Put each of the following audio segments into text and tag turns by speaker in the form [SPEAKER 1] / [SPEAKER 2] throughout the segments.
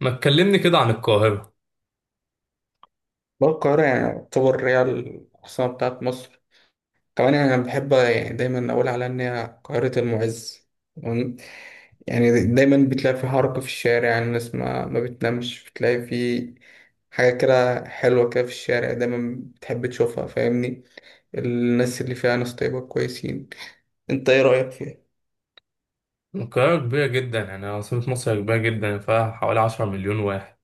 [SPEAKER 1] ما تكلمني كده عن القاهرة
[SPEAKER 2] بقى القاهرة يعني تعتبر هي العاصمة بتاعت مصر. كمان يعني أنا بحب يعني دايما أقول على إن هي قاهرة المعز. تمام؟ يعني دايما بتلاقي في حركة في الشارع، يعني الناس ما بتنامش، بتلاقي في حاجة كده حلوة كده في الشارع دايما بتحب تشوفها. فاهمني، الناس اللي فيها ناس طيبة كويسين. أنت إيه رأيك فيها؟
[SPEAKER 1] القاهرة كبيرة جدا، يعني عاصمة مصر كبيرة جدا، فيها حوالي 10 مليون واحد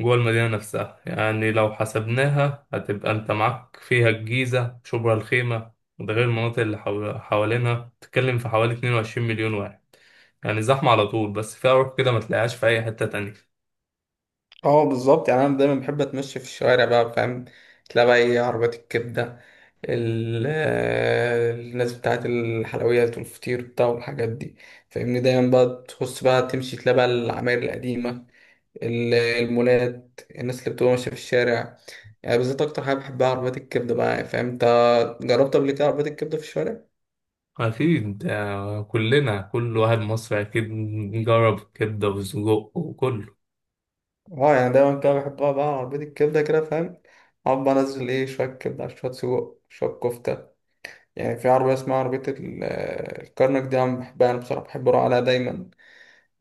[SPEAKER 1] جوه المدينة نفسها. يعني لو حسبناها هتبقى انت معاك فيها الجيزة، شبرا الخيمة، وده غير المناطق اللي حوالينها، تتكلم في حوالي 22 مليون واحد. يعني زحمة على طول، بس فيها روح كده ما تلاقيهاش في أي حتة تانية.
[SPEAKER 2] اه، بالظبط، يعني أنا دايما بحب أتمشى في الشوارع بقى فاهم. تلاقي بقى إيه؟ عربيات الكبدة، الناس بتاعت الحلويات والفطير بتاع والحاجات دي. فاهمني، دايما بقى تخص بقى تمشي تلاقي بقى العماير القديمة، المولات، الناس اللي بتبقى ماشية في الشارع. يعني بالذات أكتر حاجة بحبها عربيات الكبدة بقى، يعني فاهم أنت. جربت قبل كده عربيات الكبدة في الشارع؟
[SPEAKER 1] أكيد آه، كلنا كل واحد مصري أكيد جرب كبدة وسجق وكله.
[SPEAKER 2] اه، يعني دايما كده بحب أقعد بقى على عربية الكبدة كده فاهم. أقعد بقى أنزل إيه، شوية كبدة على شوية سجق شوية كفتة. يعني في عربية اسمها عربية الكرنك دي، أنا بحبها. أنا بصراحة بحب أروح عليها دايما.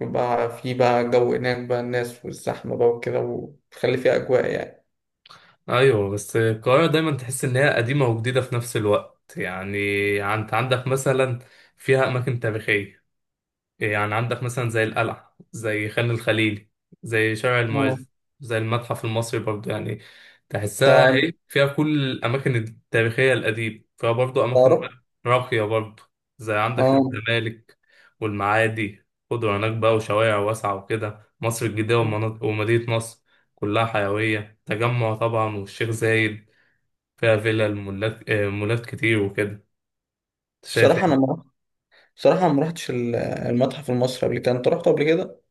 [SPEAKER 2] يبقى في بقى جو هناك بقى، الناس والزحمة بقى وكده، وتخلي فيها أجواء يعني.
[SPEAKER 1] ايوه، بس القاهره دايما تحس ان هي قديمه وجديده في نفس الوقت. يعني انت عندك مثلا فيها اماكن تاريخيه، يعني عندك مثلا زي القلعة، زي خان الخليلي، زي شارع
[SPEAKER 2] آه.
[SPEAKER 1] المعز، زي المتحف المصري برضو. يعني تحسها
[SPEAKER 2] تع-
[SPEAKER 1] ايه، فيها كل الأماكن التاريخية القديمة، فيها برضو أماكن
[SPEAKER 2] تعرف؟
[SPEAKER 1] راقية برضو، زي عندك
[SPEAKER 2] اه،
[SPEAKER 1] الزمالك والمعادي، خضرة هناك بقى وشوارع واسعة وكده، مصر الجديدة ومدينة نصر كلها حيوية تجمع طبعا، والشيخ زايد فيها فيلا المولات، مولات كتير وكده. انت شايف
[SPEAKER 2] بصراحة أنا
[SPEAKER 1] إيه؟
[SPEAKER 2] ما بصراحة أنا ما رحتش المتحف المصري قبل كده. أنت رحت قبل كده؟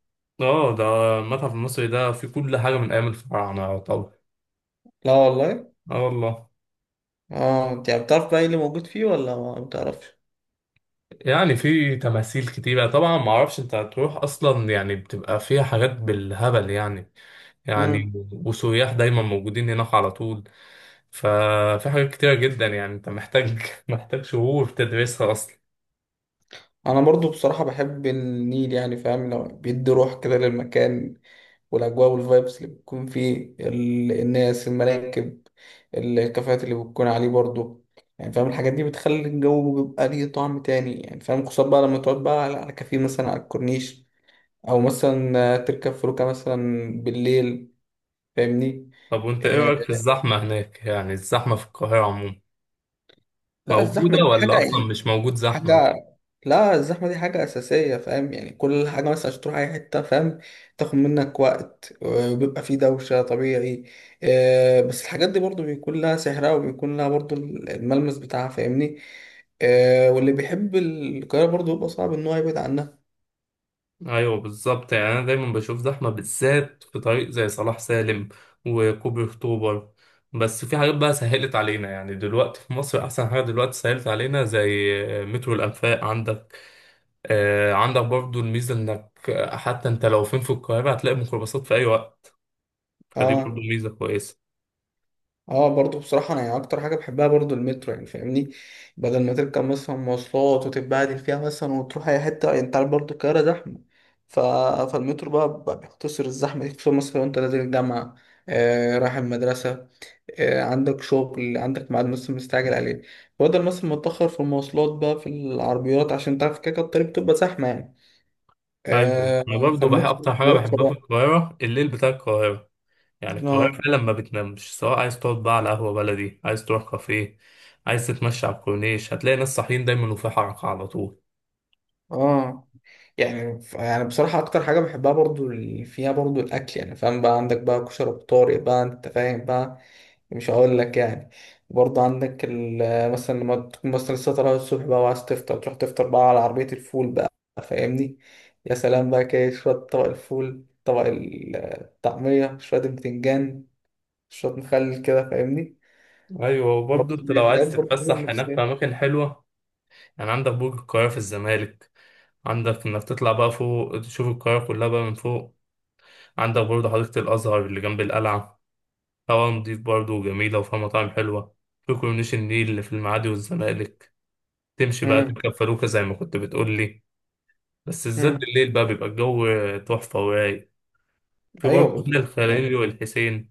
[SPEAKER 1] اه ده المتحف المصري ده فيه كل حاجة من أيام الفراعنة طبعا.
[SPEAKER 2] لا والله.
[SPEAKER 1] اه والله.
[SPEAKER 2] اه، أنت يعني بتعرف بقى إيه اللي موجود فيه ولا ما بتعرفش؟
[SPEAKER 1] يعني في تماثيل كتيرة طبعا، ما اعرفش انت هتروح اصلا يعني، بتبقى فيها حاجات بالهبل يعني،
[SPEAKER 2] مم.
[SPEAKER 1] يعني وسياح دايما موجودين هناك على طول. ففي حاجات كتيرة جدا، يعني انت محتاج محتاج شهور تدرسها اصلا.
[SPEAKER 2] أنا برضو بصراحة بحب النيل، يعني فاهم لو بيدي روح كده للمكان والأجواء والفايبس اللي بتكون فيه، الناس، المراكب، الكافيهات اللي بتكون عليه برضه. يعني فاهم الحاجات دي بتخلي الجو بيبقى ليه طعم تاني، يعني فاهم خصوصا بقى لما تقعد بقى على كافيه مثلا على الكورنيش، أو مثلا تركب فلوكة مثلا بالليل. فاهمني.
[SPEAKER 1] طب وانت ايه
[SPEAKER 2] آه،
[SPEAKER 1] رأيك في الزحمة هناك، يعني الزحمة في القاهرة عموما
[SPEAKER 2] لا،
[SPEAKER 1] موجودة
[SPEAKER 2] الزحمة دي
[SPEAKER 1] ولا اصلا
[SPEAKER 2] حاجة.
[SPEAKER 1] مش موجود زحمة؟
[SPEAKER 2] حاجة، لا الزحمة دي حاجة أساسية فاهم. يعني كل حاجة مثلا عشان تروح أي حتة فاهم تاخد منك وقت، وبيبقى فيه دوشة طبيعي. بس الحاجات دي برضو بيكون لها سحرها وبيكون لها برضو الملمس بتاعها فاهمني. واللي بيحب القاهرة برضو بيبقى صعب إن هو يبعد عنها.
[SPEAKER 1] ايوه بالظبط، يعني انا دايما بشوف زحمه بالذات في طريق زي صلاح سالم وكوبري اكتوبر. بس في حاجات بقى سهلت علينا، يعني دلوقتي في مصر احسن حاجه دلوقتي سهلت علينا زي مترو الانفاق عندك. آه، عندك برضو الميزه انك حتى انت لو فين في القاهره هتلاقي ميكروباصات في اي وقت، فدي برضو
[SPEAKER 2] اه.
[SPEAKER 1] ميزه كويسه.
[SPEAKER 2] اه، برضو بصراحة انا يعني اكتر حاجة بحبها برضو المترو يعني فاهمني. بدل ما تركب مثلا مواصلات وتتبهدل فيها مثلا وتروح اي حتة، يعني انت عارف برضو القاهرة زحمة. ف... فالمترو بقى بيختصر الزحمة دي، خصوصا مثلا لو انت نازل الجامعة، رايح المدرسة، عندك شغل، عندك ميعاد مثلا مستعجل عليه. بدل مثلا ما تتأخر في المواصلات بقى، في العربيات، عشان تعرف كده كده الطريق بتبقى زحمة يعني.
[SPEAKER 1] ايوه، انا برضو بحب
[SPEAKER 2] فالمترو
[SPEAKER 1] اكتر حاجه
[SPEAKER 2] بيوفر
[SPEAKER 1] بحبها في
[SPEAKER 2] وقت.
[SPEAKER 1] القاهره الليل بتاع القاهره. يعني القاهرة
[SPEAKER 2] اه.
[SPEAKER 1] فعلا ما بتنامش، سواء عايز تقعد بقى على قهوة بلدي، عايز تروح كافيه، عايز تتمشى على الكورنيش، هتلاقي ناس صاحيين دايما وفي حركة على طول.
[SPEAKER 2] اه، يعني يعني بصراحة أكتر حاجة بحبها برضو اللي فيها برضو الأكل. يعني فاهم بقى، عندك بقى كشري بطارق بقى، أنت فاهم بقى، مش هقول لك يعني. برضو عندك مثلا لما تكون مثلا لسه طالع الصبح بقى وعايز تفطر، تروح تفطر بقى على عربية الفول بقى. فاهمني. يا سلام بقى كده، شوية طبق الفول، طبق الطعمية، شوية البتنجان، شوية مخلل كده فاهمني.
[SPEAKER 1] أيوة،
[SPEAKER 2] برضو
[SPEAKER 1] وبرضه أنت
[SPEAKER 2] دي
[SPEAKER 1] لو
[SPEAKER 2] حاجات
[SPEAKER 1] عايز
[SPEAKER 2] برضو
[SPEAKER 1] تتفسح هناك في
[SPEAKER 2] نفسية.
[SPEAKER 1] أماكن حلوة، يعني عندك برج القاهرة في الزمالك، عندك إنك تطلع بقى فوق تشوف القاهرة كلها بقى من فوق. عندك برضه حديقة الأزهر اللي جنب القلعة، هوا نضيف برضه وجميلة وفيها مطاعم حلوة. في كورنيش النيل اللي في المعادي والزمالك، تمشي بقى
[SPEAKER 2] أمم.
[SPEAKER 1] تركب فلوكة زي ما كنت بتقولي، بس الزاد
[SPEAKER 2] أمم.
[SPEAKER 1] بالليل بقى بيبقى الجو تحفة ورايق. في
[SPEAKER 2] أيوه
[SPEAKER 1] برضه
[SPEAKER 2] بالظبط
[SPEAKER 1] هنا الخليلي
[SPEAKER 2] يعني.
[SPEAKER 1] والحسين،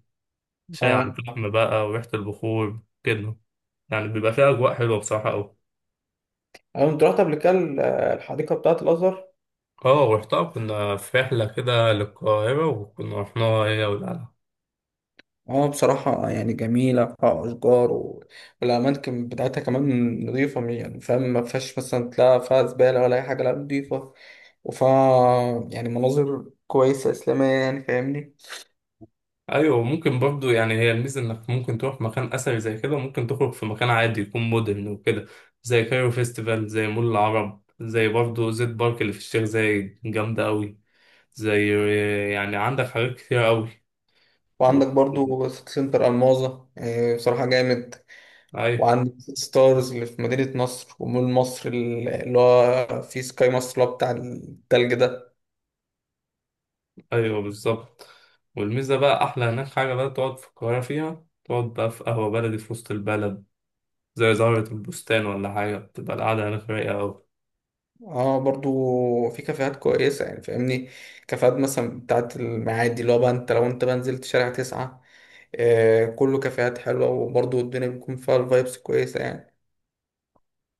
[SPEAKER 1] شاي على
[SPEAKER 2] اه،
[SPEAKER 1] الفحم بقى وريحة البخور كده، يعني بيبقى فيها أجواء حلوة بصراحة أوي.
[SPEAKER 2] أنا كنت رحت قبل كده الحديقة بتاعة الأزهر.
[SPEAKER 1] اه رحتها، كنا في رحلة كده للقاهرة وكنا رحناها هي والعيلة.
[SPEAKER 2] اه، بصراحة يعني جميلة، فيها أشجار والأماكن بتاعتها كمان نظيفة، يعني فاهم ما فيهاش مثلا تلاقي فيها زبالة ولا أي حاجة، لا نظيفة. وفيها يعني مناظر كويسة إسلامية يعني فاهمني.
[SPEAKER 1] أيوة ممكن برضه، يعني هي الميزة إنك ممكن تروح مكان أثري زي كده، وممكن تخرج في مكان عادي يكون مودرن وكده، زي كايرو فيستيفال، زي مول العرب، زي برضه زيت بارك اللي في الشيخ زايد جامدة أوي، زي، يعني عندك حاجات كتير أوي. و...
[SPEAKER 2] وعندك برضو سيتي سنتر ألماظة، بصراحة جامد.
[SPEAKER 1] أيوة.
[SPEAKER 2] وعندك ستارز اللي في مدينة نصر، ومول مصر اللي هو في سكاي مصر اللي هو بتاع التلج ده.
[SPEAKER 1] ايوه بالظبط، والميزه بقى احلى هناك حاجه بقى تقعد في القاهره فيها، تقعد بقى في قهوه بلدي في وسط البلد زي زهره البستان ولا حاجه، بتبقى القعده هناك رايقه أوي.
[SPEAKER 2] اه، برضو في كافيهات كويسة يعني فاهمني. كافيهات مثلا بتاعت المعادي، اللي هو بقى لو انت بقى نزلت شارع 9، كله كافيهات حلوة، وبرضو الدنيا بيكون فيها الفايبس كويسة يعني.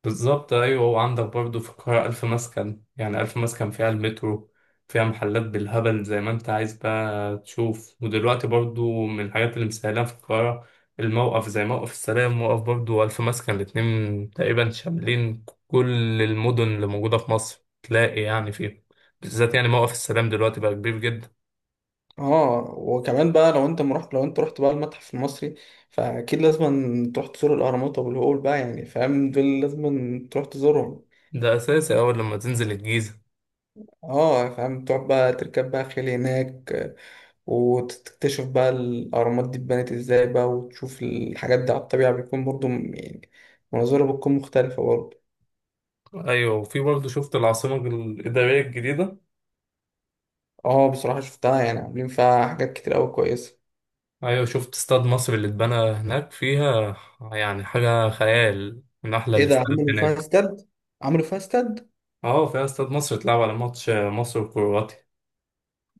[SPEAKER 1] بالظبط أيوة، وعندك برضو في القاهرة ألف مسكن، يعني ألف مسكن فيها المترو، فيها محلات بالهبل زي ما أنت عايز بقى تشوف. ودلوقتي برضو من الحاجات اللي مسهلاها في القاهرة الموقف، زي موقف السلام، موقف برضو ألف مسكن الاتنين تقريبا شاملين كل المدن اللي موجودة في مصر تلاقي يعني فيه. بالذات يعني موقف السلام دلوقتي بقى كبير جدا.
[SPEAKER 2] اه، وكمان بقى لو انت مرحت، لو انت رحت بقى المتحف المصري، فأكيد لازم تروح تزور الأهرامات وأبو الهول بقى. يعني فاهم، دول لازم تروح تزورهم.
[SPEAKER 1] ده أساسي أول لما تنزل الجيزة.
[SPEAKER 2] اه، فاهم، تقعد بقى تركب بقى خيل هناك، وتكتشف بقى الأهرامات دي اتبنت ازاي بقى، وتشوف الحاجات دي على الطبيعة، بيكون برضو يعني مناظرها بتكون مختلفة برضو.
[SPEAKER 1] أيوة، وفي برضو شفت العاصمة الإدارية الجديدة.
[SPEAKER 2] اه، بصراحة شفتها، يعني عاملين فيها حاجات كتير أوي كويسة.
[SPEAKER 1] ايوه شفت استاد مصر اللي اتبنى هناك فيها، يعني حاجة خيال، من احلى
[SPEAKER 2] ايه ده؟
[SPEAKER 1] الاستاد
[SPEAKER 2] عملوا فيها
[SPEAKER 1] هناك.
[SPEAKER 2] استاد؟ عملوا فيها استاد؟
[SPEAKER 1] اه فيها استاد مصر اتلعب على ماتش مصر وكرواتيا.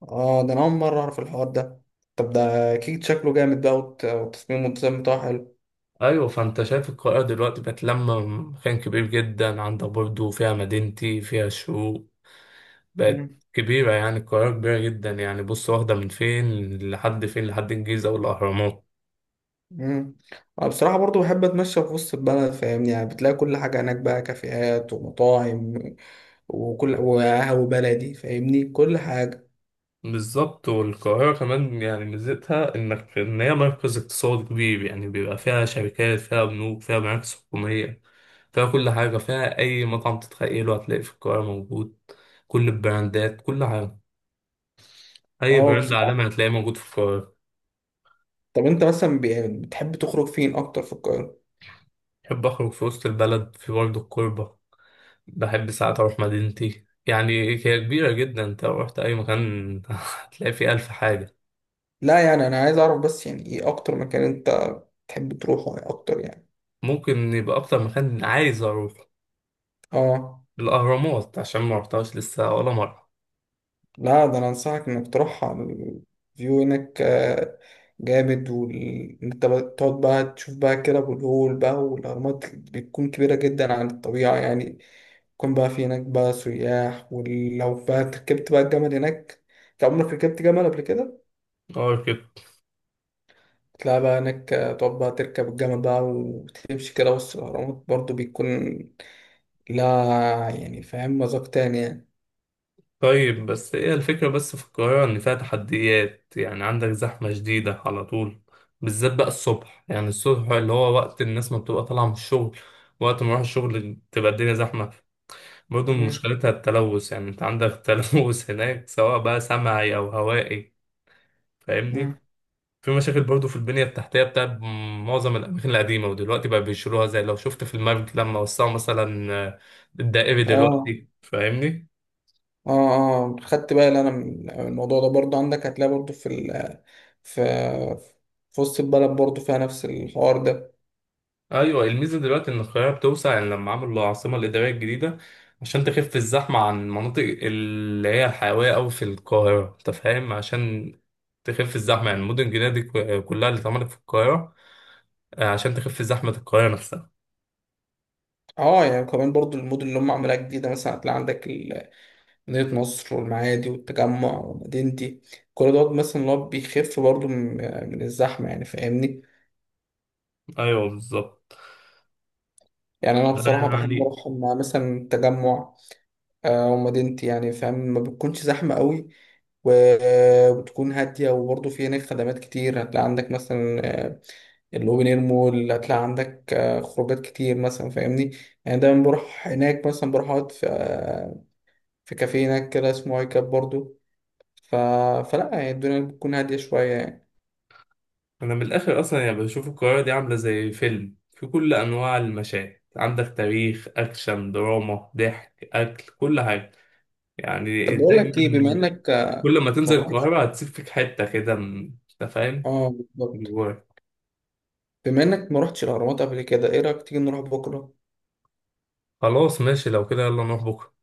[SPEAKER 2] اه، ده أنا أول مرة أعرف الحوار ده. طب ده أكيد شكله جامد بقى، والتصميم والديزاين بتاعه حلو.
[SPEAKER 1] ايوه، فانت شايف القاهرة دلوقتي بقت لما مكان كبير جدا، عندك برضو فيها مدينتي، فيها الشروق، بقت
[SPEAKER 2] مم.
[SPEAKER 1] كبيرة، يعني القاهرة كبيرة جدا. يعني بص واخدة من فين لحد فين، لحد الجيزة والأهرامات.
[SPEAKER 2] مم. أنا بصراحة برضو بحب أتمشى في وسط البلد فاهمني، يعني بتلاقي كل حاجة هناك بقى، كافيهات ومطاعم وقهوة بلدي، فاهمني، كل حاجة.
[SPEAKER 1] بالظبط، والقاهرة كمان يعني ميزتها إنك إن هي مركز اقتصادي كبير، يعني بيبقى فيها شركات، فيها بنوك، فيها مراكز حكومية، فيها كل حاجة، فيها أي مطعم تتخيله هتلاقي في القاهرة موجود. كل البراندات كل حاجة، أي
[SPEAKER 2] اه،
[SPEAKER 1] براند
[SPEAKER 2] بصراحة.
[SPEAKER 1] عالمي هتلاقيه موجود في القاهرة.
[SPEAKER 2] طب انت مثلا يعني بتحب تخرج فين اكتر في القاهرة؟
[SPEAKER 1] بحب أخرج في وسط البلد، في برضه الكوربة، بحب ساعات أروح مدينتي. يعني هي كبيرة جدا، أنت لو رحت أي مكان هتلاقي فيه ألف حاجة.
[SPEAKER 2] لا، يعني انا عايز اعرف بس يعني ايه اكتر مكان انت بتحب تروحه يعني اكتر يعني.
[SPEAKER 1] ممكن يبقى أكتر مكان عايز أروح
[SPEAKER 2] اه.
[SPEAKER 1] الأهرامات، عشان ما رحتهاش لسه ولا مرة.
[SPEAKER 2] لا، ده انا انصحك انك تروح على الفيو هناك، جامد. تقعد بقى تشوف بقى كده ابو الهول بقى والاهرامات، بتكون كبيرة جدا عن الطبيعة يعني. يكون بقى في هناك بقى سياح، ولو بقى ركبت بقى الجمل هناك. انت عمرك ركبت جمل قبل كده؟
[SPEAKER 1] أه كده.
[SPEAKER 2] تلاقي بقى هناك، تقعد بقى تركب الجمل بقى وتمشي كده وسط الأهرامات، برضه بيكون لها يعني فاهم مذاق تاني يعني.
[SPEAKER 1] طيب، بس هي الفكرة بس في القاهرة إن فيها تحديات، يعني عندك زحمة شديدة على طول، بالذات بقى الصبح، يعني الصبح اللي هو وقت الناس ما بتبقى طالعة من الشغل، وقت ما أروح الشغل تبقى الدنيا زحمة. برضه
[SPEAKER 2] مم.
[SPEAKER 1] مشكلتها التلوث، يعني أنت عندك تلوث هناك سواء بقى سمعي أو هوائي، فاهمني.
[SPEAKER 2] مم.
[SPEAKER 1] في مشاكل برضه في البنية التحتية بتاع معظم الأماكن القديمة، ودلوقتي بقى بيشيلوها زي لو شفت في المرج لما وسعوا مثلا، الدائري
[SPEAKER 2] اه،
[SPEAKER 1] دلوقتي فاهمني.
[SPEAKER 2] اه، اه، خدت بالي انا من الموضوع ده برضه. عندك هتلاقي برضه في ال في في وسط البلد برضه فيها نفس الحوار ده.
[SPEAKER 1] ايوه الميزه دلوقتي ان القاهره بتوسع، يعني لما عملوا العاصمه الاداريه الجديده عشان تخف الزحمه عن المناطق اللي هي الحيويه قوي في القاهره، انت فاهم، عشان تخف الزحمه. يعني المدن الجديده دي كلها اللي اتعملت في القاهره عشان تخف زحمه القاهره نفسها.
[SPEAKER 2] اه، يعني كمان برضه المدن اللي هم عاملاها جديدة مثلا، هتلاقي عندك مدينة نصر والمعادي والتجمع ومدينتي، كل دوت مثلا اللي هو بيخف برضه من الزحمة يعني فاهمني.
[SPEAKER 1] ايوه بالظبط.
[SPEAKER 2] يعني انا بصراحه بحب
[SPEAKER 1] يعني
[SPEAKER 2] اروح مع مثلا تجمع، ومدينتي. يعني فاهم ما بتكونش زحمه قوي و- وبتكون هاديه، وبرضه في هناك خدمات كتير، هتلاقي عندك مثلا الاوبن اير مول، هتلاقي عندك خروجات كتير مثلا فاهمني. يعني دايما بروح هناك، مثلا بروح اقعد في كافيه هناك كده اسمه هاي كاب برضه. ف... فلا يعني الدنيا بتكون هاديه شويه يعني.
[SPEAKER 1] انا من الاخر اصلا يعني بشوف القاهره دي عامله زي فيلم، في كل انواع المشاهد، عندك تاريخ، اكشن، دراما، ضحك، اكل، كل حاجه.
[SPEAKER 2] طب
[SPEAKER 1] يعني
[SPEAKER 2] بقول
[SPEAKER 1] دايما
[SPEAKER 2] لك ايه، بما انك
[SPEAKER 1] كل ما
[SPEAKER 2] ما
[SPEAKER 1] تنزل
[SPEAKER 2] رحتش،
[SPEAKER 1] القاهرة هتسيب فيك حتة كده. انت فاهم
[SPEAKER 2] اه بالظبط،
[SPEAKER 1] جواك.
[SPEAKER 2] بما انك ما رحتش الاهرامات قبل كده، ايه رايك تيجي نروح بكره؟
[SPEAKER 1] خلاص ماشي، لو كده يلا نروح بكرة.